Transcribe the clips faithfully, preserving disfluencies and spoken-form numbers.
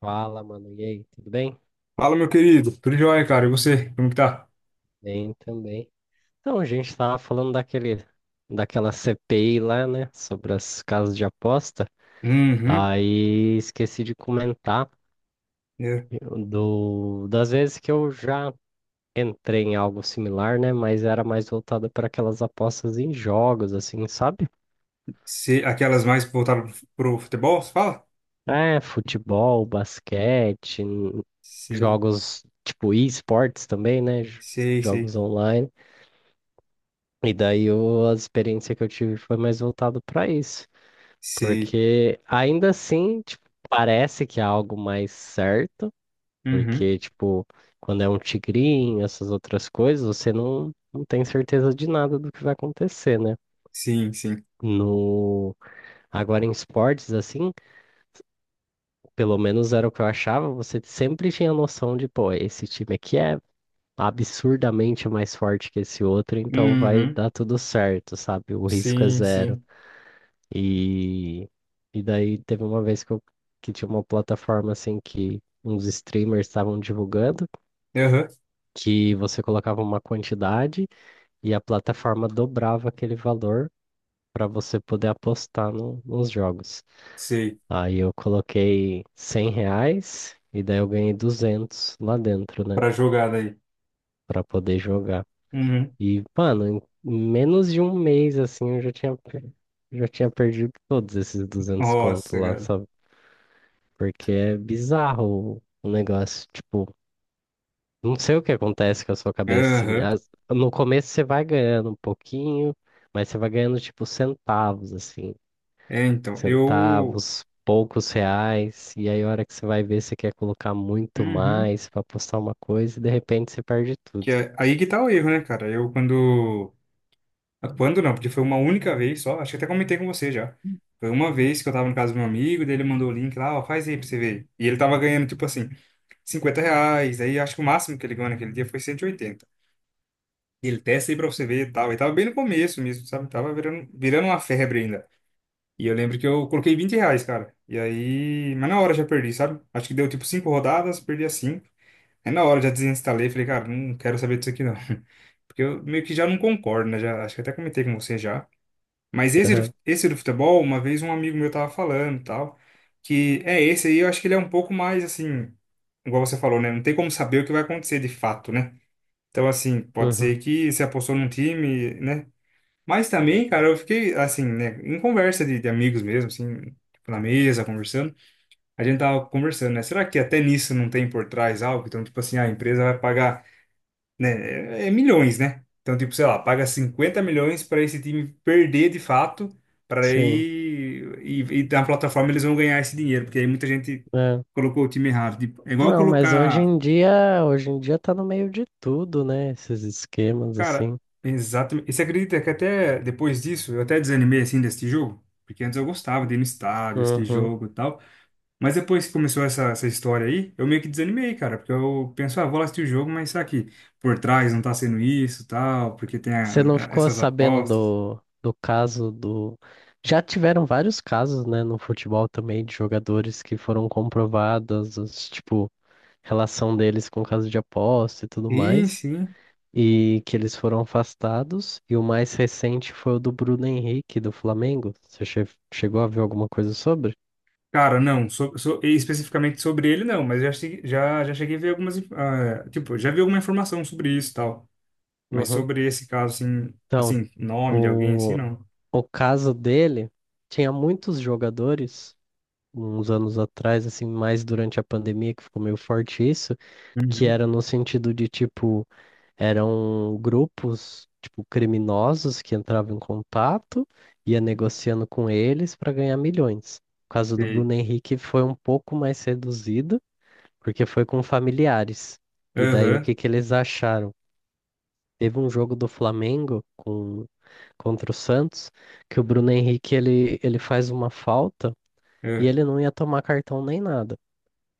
Fala, mano. E aí, tudo bem? Fala, meu querido. Tudo jóia, cara. E você? Como que tá? Bem também. Então, a gente tava falando daquele, daquela C P I lá, né? Sobre as casas de aposta. Uhum. Aí esqueci de comentar É. do, das vezes que eu já entrei em algo similar, né? Mas era mais voltada para aquelas apostas em jogos, assim, sabe? Se, Aquelas mais voltaram pro futebol, você fala? É, futebol, basquete, n- Sei, jogos tipo e-sports também, né? j- sei, sei, Jogos online. E daí eu- a experiência que eu tive foi mais voltado para isso, sei. porque ainda assim, tipo, parece que é algo mais certo, Uhum. porque, tipo, quando é um tigrinho, essas outras coisas, você não, não tem certeza de nada do que vai acontecer, né? Sim, sim. No... Agora em esportes, assim, pelo menos era o que eu achava, você sempre tinha noção de, pô, esse time aqui é absurdamente mais forte que esse outro, então vai Uhum. dar tudo certo, sabe? O risco é Sim, zero. sim. E, e daí teve uma vez que, eu, que tinha uma plataforma assim que uns streamers estavam divulgando, Aham. que você colocava uma quantidade e a plataforma dobrava aquele valor para você poder apostar no- nos jogos. Sei. Aí eu coloquei cem reais e daí eu ganhei duzentos lá dentro, né? Pra jogada aí. Para poder jogar. Uhum. E, mano, em menos de um mês assim eu já tinha, per- já tinha perdido todos esses duzentos conto Nossa, lá, cara. sabe? Porque é bizarro o o negócio, tipo, não sei o que acontece com a sua cabeça, assim. Aham. As- no começo você vai ganhando um pouquinho, mas você vai ganhando, tipo, centavos, assim. É, então, eu... Centavos, poucos reais. E aí, a hora que você vai ver, você quer colocar muito Uhum. mais pra postar uma coisa e de repente você perde Que tudo. é... Aí que tá o erro, né, cara? Eu, quando... Ah, quando não, porque foi uma única vez só. Acho que até comentei com você já. Foi uma vez que eu tava no caso do meu amigo, daí ele mandou o link lá, ó, faz aí pra você ver. E ele tava ganhando, tipo assim, cinquenta reais. Aí acho que o máximo que ele ganhou naquele dia foi cento e oitenta. E ele testa aí pra você ver e tal. E tava bem no começo mesmo, sabe? Tava virando, virando uma febre ainda. E eu lembro que eu coloquei vinte reais, cara. E aí, mas na hora eu já perdi, sabe? Acho que deu tipo cinco rodadas, perdi as cinco. Aí na hora eu já desinstalei, falei, cara, não quero saber disso aqui não. Porque eu meio que já não concordo, né? Já, acho que até comentei com você já. Mas esse, do- Aham. esse do futebol, uma vez um amigo meu tava falando, e tal, que é esse aí, eu acho que ele é um pouco mais assim, igual você falou, né? Não tem como saber o que vai acontecer de fato, né? Então, assim, pode Uhum. ser que você apostou num time, né? Mas também, cara, eu fiquei, assim, né, em conversa de, de amigos mesmo, assim, tipo, na mesa, conversando, a gente tava conversando, né? Será que até nisso não tem por trás algo? Então, tipo assim, a empresa vai pagar, né? É, é milhões, né? Então, tipo, sei lá, paga cinquenta milhões para esse time perder de fato, para aí, Sim. e, e na plataforma eles vão ganhar esse dinheiro, porque aí muita gente É. colocou o time errado. Tipo, é igual Não, mas hoje colocar, em dia, hoje em dia tá no meio de tudo, né? Esses esquemas, cara, assim. exatamente. E você acredita que até depois disso eu até desanimei assim desse jogo? Porque antes eu gostava de ir no estádio, assistir Uhum. jogo e tal. Mas depois que começou essa, essa história aí, eu meio que desanimei, cara. Porque eu penso, ah, vou lá assistir o jogo, mas será que por trás não tá sendo isso, tal? Porque tem Você não a- a- ficou essas sabendo apostas. do, do caso do. Já tiveram vários casos, né, no futebol também, de jogadores que foram comprovados, os, tipo, relação deles com caso de aposta e tudo Sim, mais, sim. e que eles foram afastados. E o mais recente foi o do Bruno Henrique, do Flamengo. Você che- chegou a ver alguma coisa sobre? Cara, não, so, so- especificamente sobre ele, não, mas já, che- já, já cheguei a ver algumas. inf- ah, tipo, já vi alguma informação sobre isso e tal. Mas Uhum. sobre esse caso, assim, Então, assim, nome de alguém, assim, o, não. o caso dele tinha muitos jogadores, uns anos atrás, assim, mais durante a pandemia, que ficou meio forte isso que Uhum. era no sentido de, tipo, eram grupos, tipo, criminosos que entravam em contato, ia negociando com eles para ganhar milhões. O caso do Sei. Bruno Henrique foi um pouco mais reduzido, porque foi com familiares. E daí o Aham. que que eles acharam? Teve um jogo do Flamengo com, contra o Santos, que o Bruno Henrique ele, ele faz uma falta e Aham. ele não ia tomar cartão nem nada.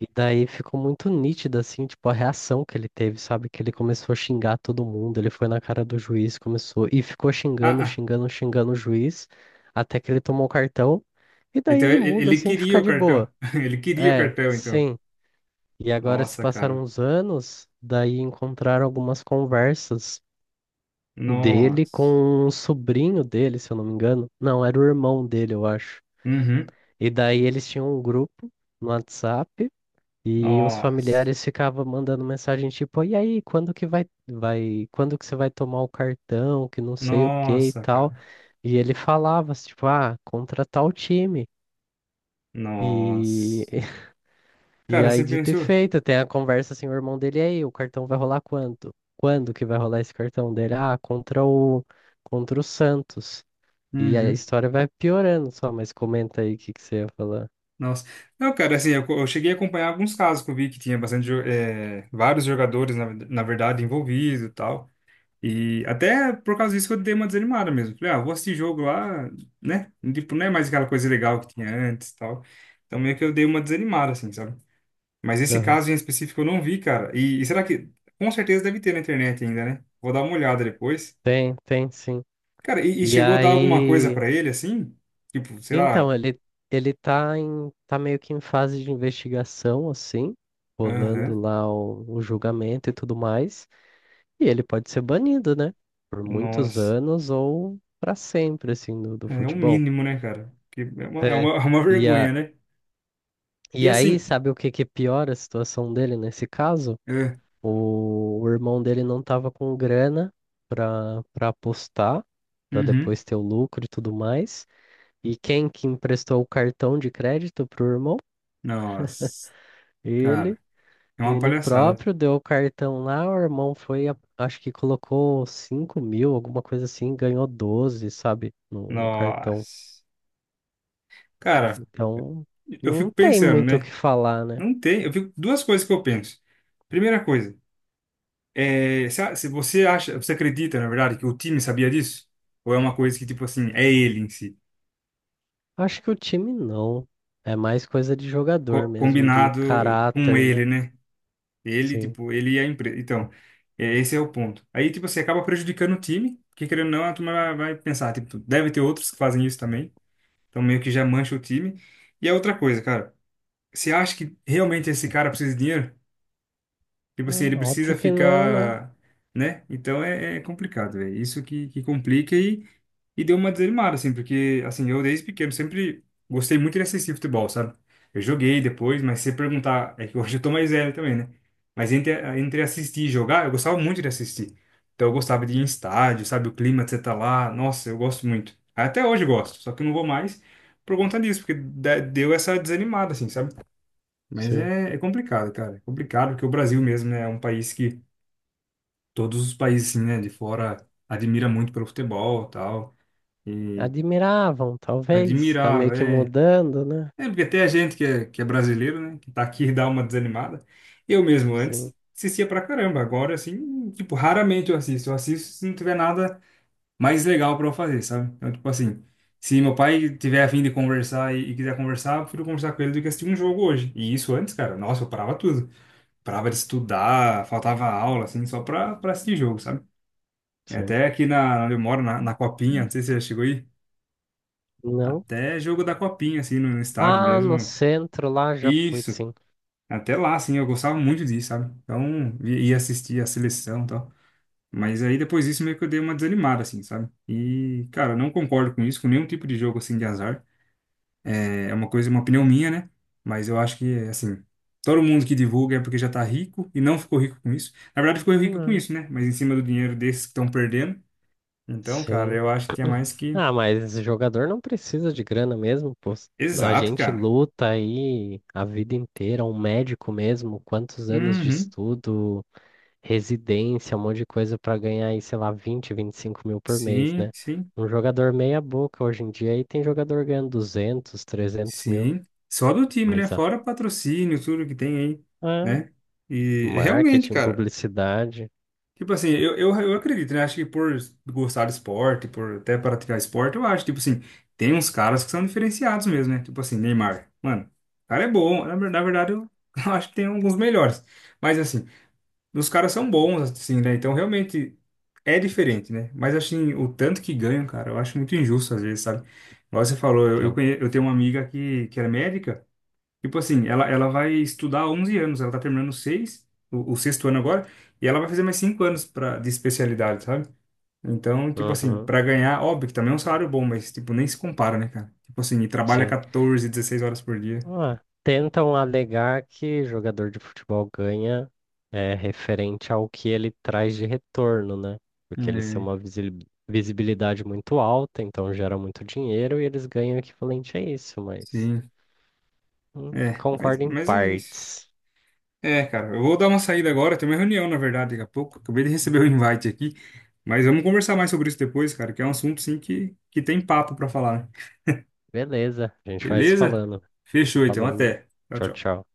E daí ficou muito nítido, assim, tipo, a reação que ele teve, sabe? Que ele começou a xingar todo mundo, ele foi na cara do juiz, começou, e ficou Ah, xingando, ah. xingando, xingando o juiz, até que ele tomou o cartão, e daí Então ele ele, muda, ele assim, queria fica o de cartão. boa. Ele queria o É, cartão, então. sim. E agora se Nossa, cara. passaram uns anos, daí encontraram algumas conversas dele Nossa. com um sobrinho dele, se eu não me engano. Não, era o irmão dele, eu acho. Uhum. E daí eles tinham um grupo no WhatsApp, e os Nossa. familiares ficavam mandando mensagem tipo, e aí, quando que vai, vai, quando que você vai tomar o cartão, que não sei o que e Nossa, tal. cara. E ele falava, tipo, ah, contra tal time. E, Nossa. e Cara, aí, você dito e pensou? feito, tem a conversa assim, o irmão dele, e aí, o cartão vai rolar quanto? Quando que vai rolar esse cartão dele? Ah, contra o, contra o Santos. E aí a Uhum. história vai piorando só, mas comenta aí o que que você ia falar. Nossa. Não, cara, assim, eu, eu cheguei a acompanhar alguns casos que eu vi que tinha bastante, jo- eh, vários jogadores, na, na verdade, envolvidos e tal. E até por causa disso que eu dei uma desanimada mesmo. Falei, ah, vou assistir jogo lá, né? Tipo, não é mais aquela coisa legal que tinha antes e tal. Então meio que eu dei uma desanimada, assim, sabe? Mas esse Aham. caso em específico eu não vi, cara. E, e será que, com certeza deve ter na internet ainda, né? Vou dar uma olhada depois. Tem, tem, sim. Cara, e, e E chegou a dar alguma coisa aí. pra ele, assim? Tipo, sei Então, lá. ele, ele tá em, tá meio que em fase de investigação, assim, rolando Aham. lá o, o julgamento e tudo mais, e ele pode ser banido, né? Por muitos Nossa. anos ou para sempre, assim, do, do É o futebol. mínimo, né, cara? Que é uma, é É. uma, é uma E, vergonha, a, né? E e aí, assim. sabe o que que piora a situação dele nesse caso? É. O, o irmão dele não tava com grana para para apostar, para Uhum. depois ter o lucro e tudo mais. E quem que emprestou o cartão de crédito pro irmão? Nossa, Ele cara, é uma Ele palhaçada. próprio deu o cartão lá, o irmão foi, a- acho que colocou cinco mil, alguma coisa assim, ganhou doze, sabe, no, no cartão. Nossa. Cara, Então, eu fico não tem pensando, muito o que né? falar, né? Não tem. Eu fico, duas coisas que eu penso. Primeira coisa, é, se, a- se você acha, você acredita, na verdade, que o time sabia disso? Ou é uma coisa que, tipo assim, é ele em si? Acho que o time não. É mais coisa de jogador Co- mesmo, de Combinado com caráter, ele, né? né? Ele, Sim. tipo, ele e a empresa. Então, é, esse é o ponto. Aí, tipo, você acaba prejudicando o time, porque querendo ou não, a turma vai vai pensar, tipo, deve ter outros que fazem isso também. Então, meio que já mancha o time. E a outra coisa, cara, você acha que realmente esse cara precisa de dinheiro? Tipo É, assim, ele óbvio precisa que não, né? ficar, né? Então é, é complicado, velho. Isso que, que complica e, e deu uma desanimada, assim, porque, assim, eu desde pequeno sempre gostei muito de assistir futebol, sabe? Eu joguei depois, mas se perguntar, é que hoje eu tô mais velho também, né? Mas entre, entre assistir e jogar, eu gostava muito de assistir. Então eu gostava de ir em estádio, sabe? O clima de você tá lá, nossa, eu gosto muito. Até hoje eu gosto, só que eu não vou mais por conta disso, porque da- deu essa desanimada, assim, sabe? Mas Sim. é, é complicado, cara. É complicado porque o Brasil mesmo, né, é um país que todos os países, assim, né, de fora admira muito pelo futebol, e tal. E Admiravam, talvez. Tá admirar, meio que é, mudando, né? é porque até a gente que é, que é brasileiro, né, que tá aqui e dá uma desanimada. Eu mesmo antes Sim, assistia pra caramba, agora assim, tipo, raramente eu assisto. Eu assisto se não tiver nada mais legal pra eu fazer, sabe? Então, tipo assim, se meu pai tiver a fim de conversar e, e quiser conversar, eu prefiro conversar com ele do que assistir um jogo hoje. E isso antes, cara, nossa, eu parava tudo, parava de estudar, faltava aula, assim, só pra, pra assistir jogo, sabe? E sim. até aqui na, onde eu moro, na, na Copinha, não sei se você já chegou aí, Não. até jogo da Copinha, assim, no, no estádio Ah, no mesmo. centro lá já fui, Isso, sim. até lá, assim, eu gostava muito disso, sabe? Então, i- ia assistir a seleção e tal. Mas aí depois disso meio que eu dei uma desanimada, assim, sabe? E, cara, eu não concordo com isso, com nenhum tipo de jogo, assim, de azar. É uma coisa, uma opinião minha, né? Mas eu acho que, assim, todo mundo que divulga é porque já tá rico e não ficou rico com isso. Na verdade, ficou rico com Não. isso, né? Mas em cima do dinheiro desses que estão perdendo. Então, cara, Sim. eu acho que é mais que. Ah, mas jogador não precisa de grana mesmo, pô. A Exato, gente cara. luta aí a vida inteira, um médico mesmo, quantos anos de Uhum. estudo, residência, um monte de coisa para ganhar aí, sei lá, vinte vinte e cinco mil por mês, Sim, né? sim, Um jogador meia boca hoje em dia aí tem jogador ganhando duzentos trezentos mil, sim. Só do time, né? mas ah, Fora patrocínio, tudo que tem aí, é, né? E realmente, marketing, cara. publicidade, Tipo assim, eu, eu, eu acredito, né? Acho que por gostar de esporte, por até praticar esporte, eu acho, tipo assim, tem uns caras que são diferenciados mesmo, né? Tipo assim, Neymar. Mano, o cara é bom. Na, ver- na verdade, eu, eu acho que tem alguns melhores. Mas assim, os caras são bons, assim, né? Então realmente é diferente, né? Mas assim, o tanto que ganham, cara, eu acho muito injusto às vezes, sabe? Igual você falou, eu, eu, sim. conhe- eu tenho uma amiga que, que era médica. Tipo assim, ela, ela vai estudar onze anos, ela tá terminando seis, o, o sexto ano agora, e ela vai fazer mais cinco anos pra, de especialidade, sabe? Então, tipo assim, Uhum, pra ganhar, óbvio que também é um salário bom, mas, tipo, nem se compara, né, cara? Tipo assim, e trabalha sim. catorze, dezesseis horas por dia. Ah, tentam alegar que jogador de futebol ganha é referente ao que ele traz de retorno, né? Porque eles têm É, uma visi- visibilidade muito alta, então gera muito dinheiro e eles ganham equivalente a isso, mas sim, hum, é, mas, concordo em mas é isso. partes. É, cara, eu vou dar uma saída agora, tem uma reunião, na verdade, daqui a pouco, acabei de receber o invite aqui, mas vamos conversar mais sobre isso depois, cara, que é um assunto, sim, que, que tem papo pra falar, né? Beleza, a gente vai se Beleza? falando. Fechou, então, Falou, até. Tchau, tchau, tchau. tchau.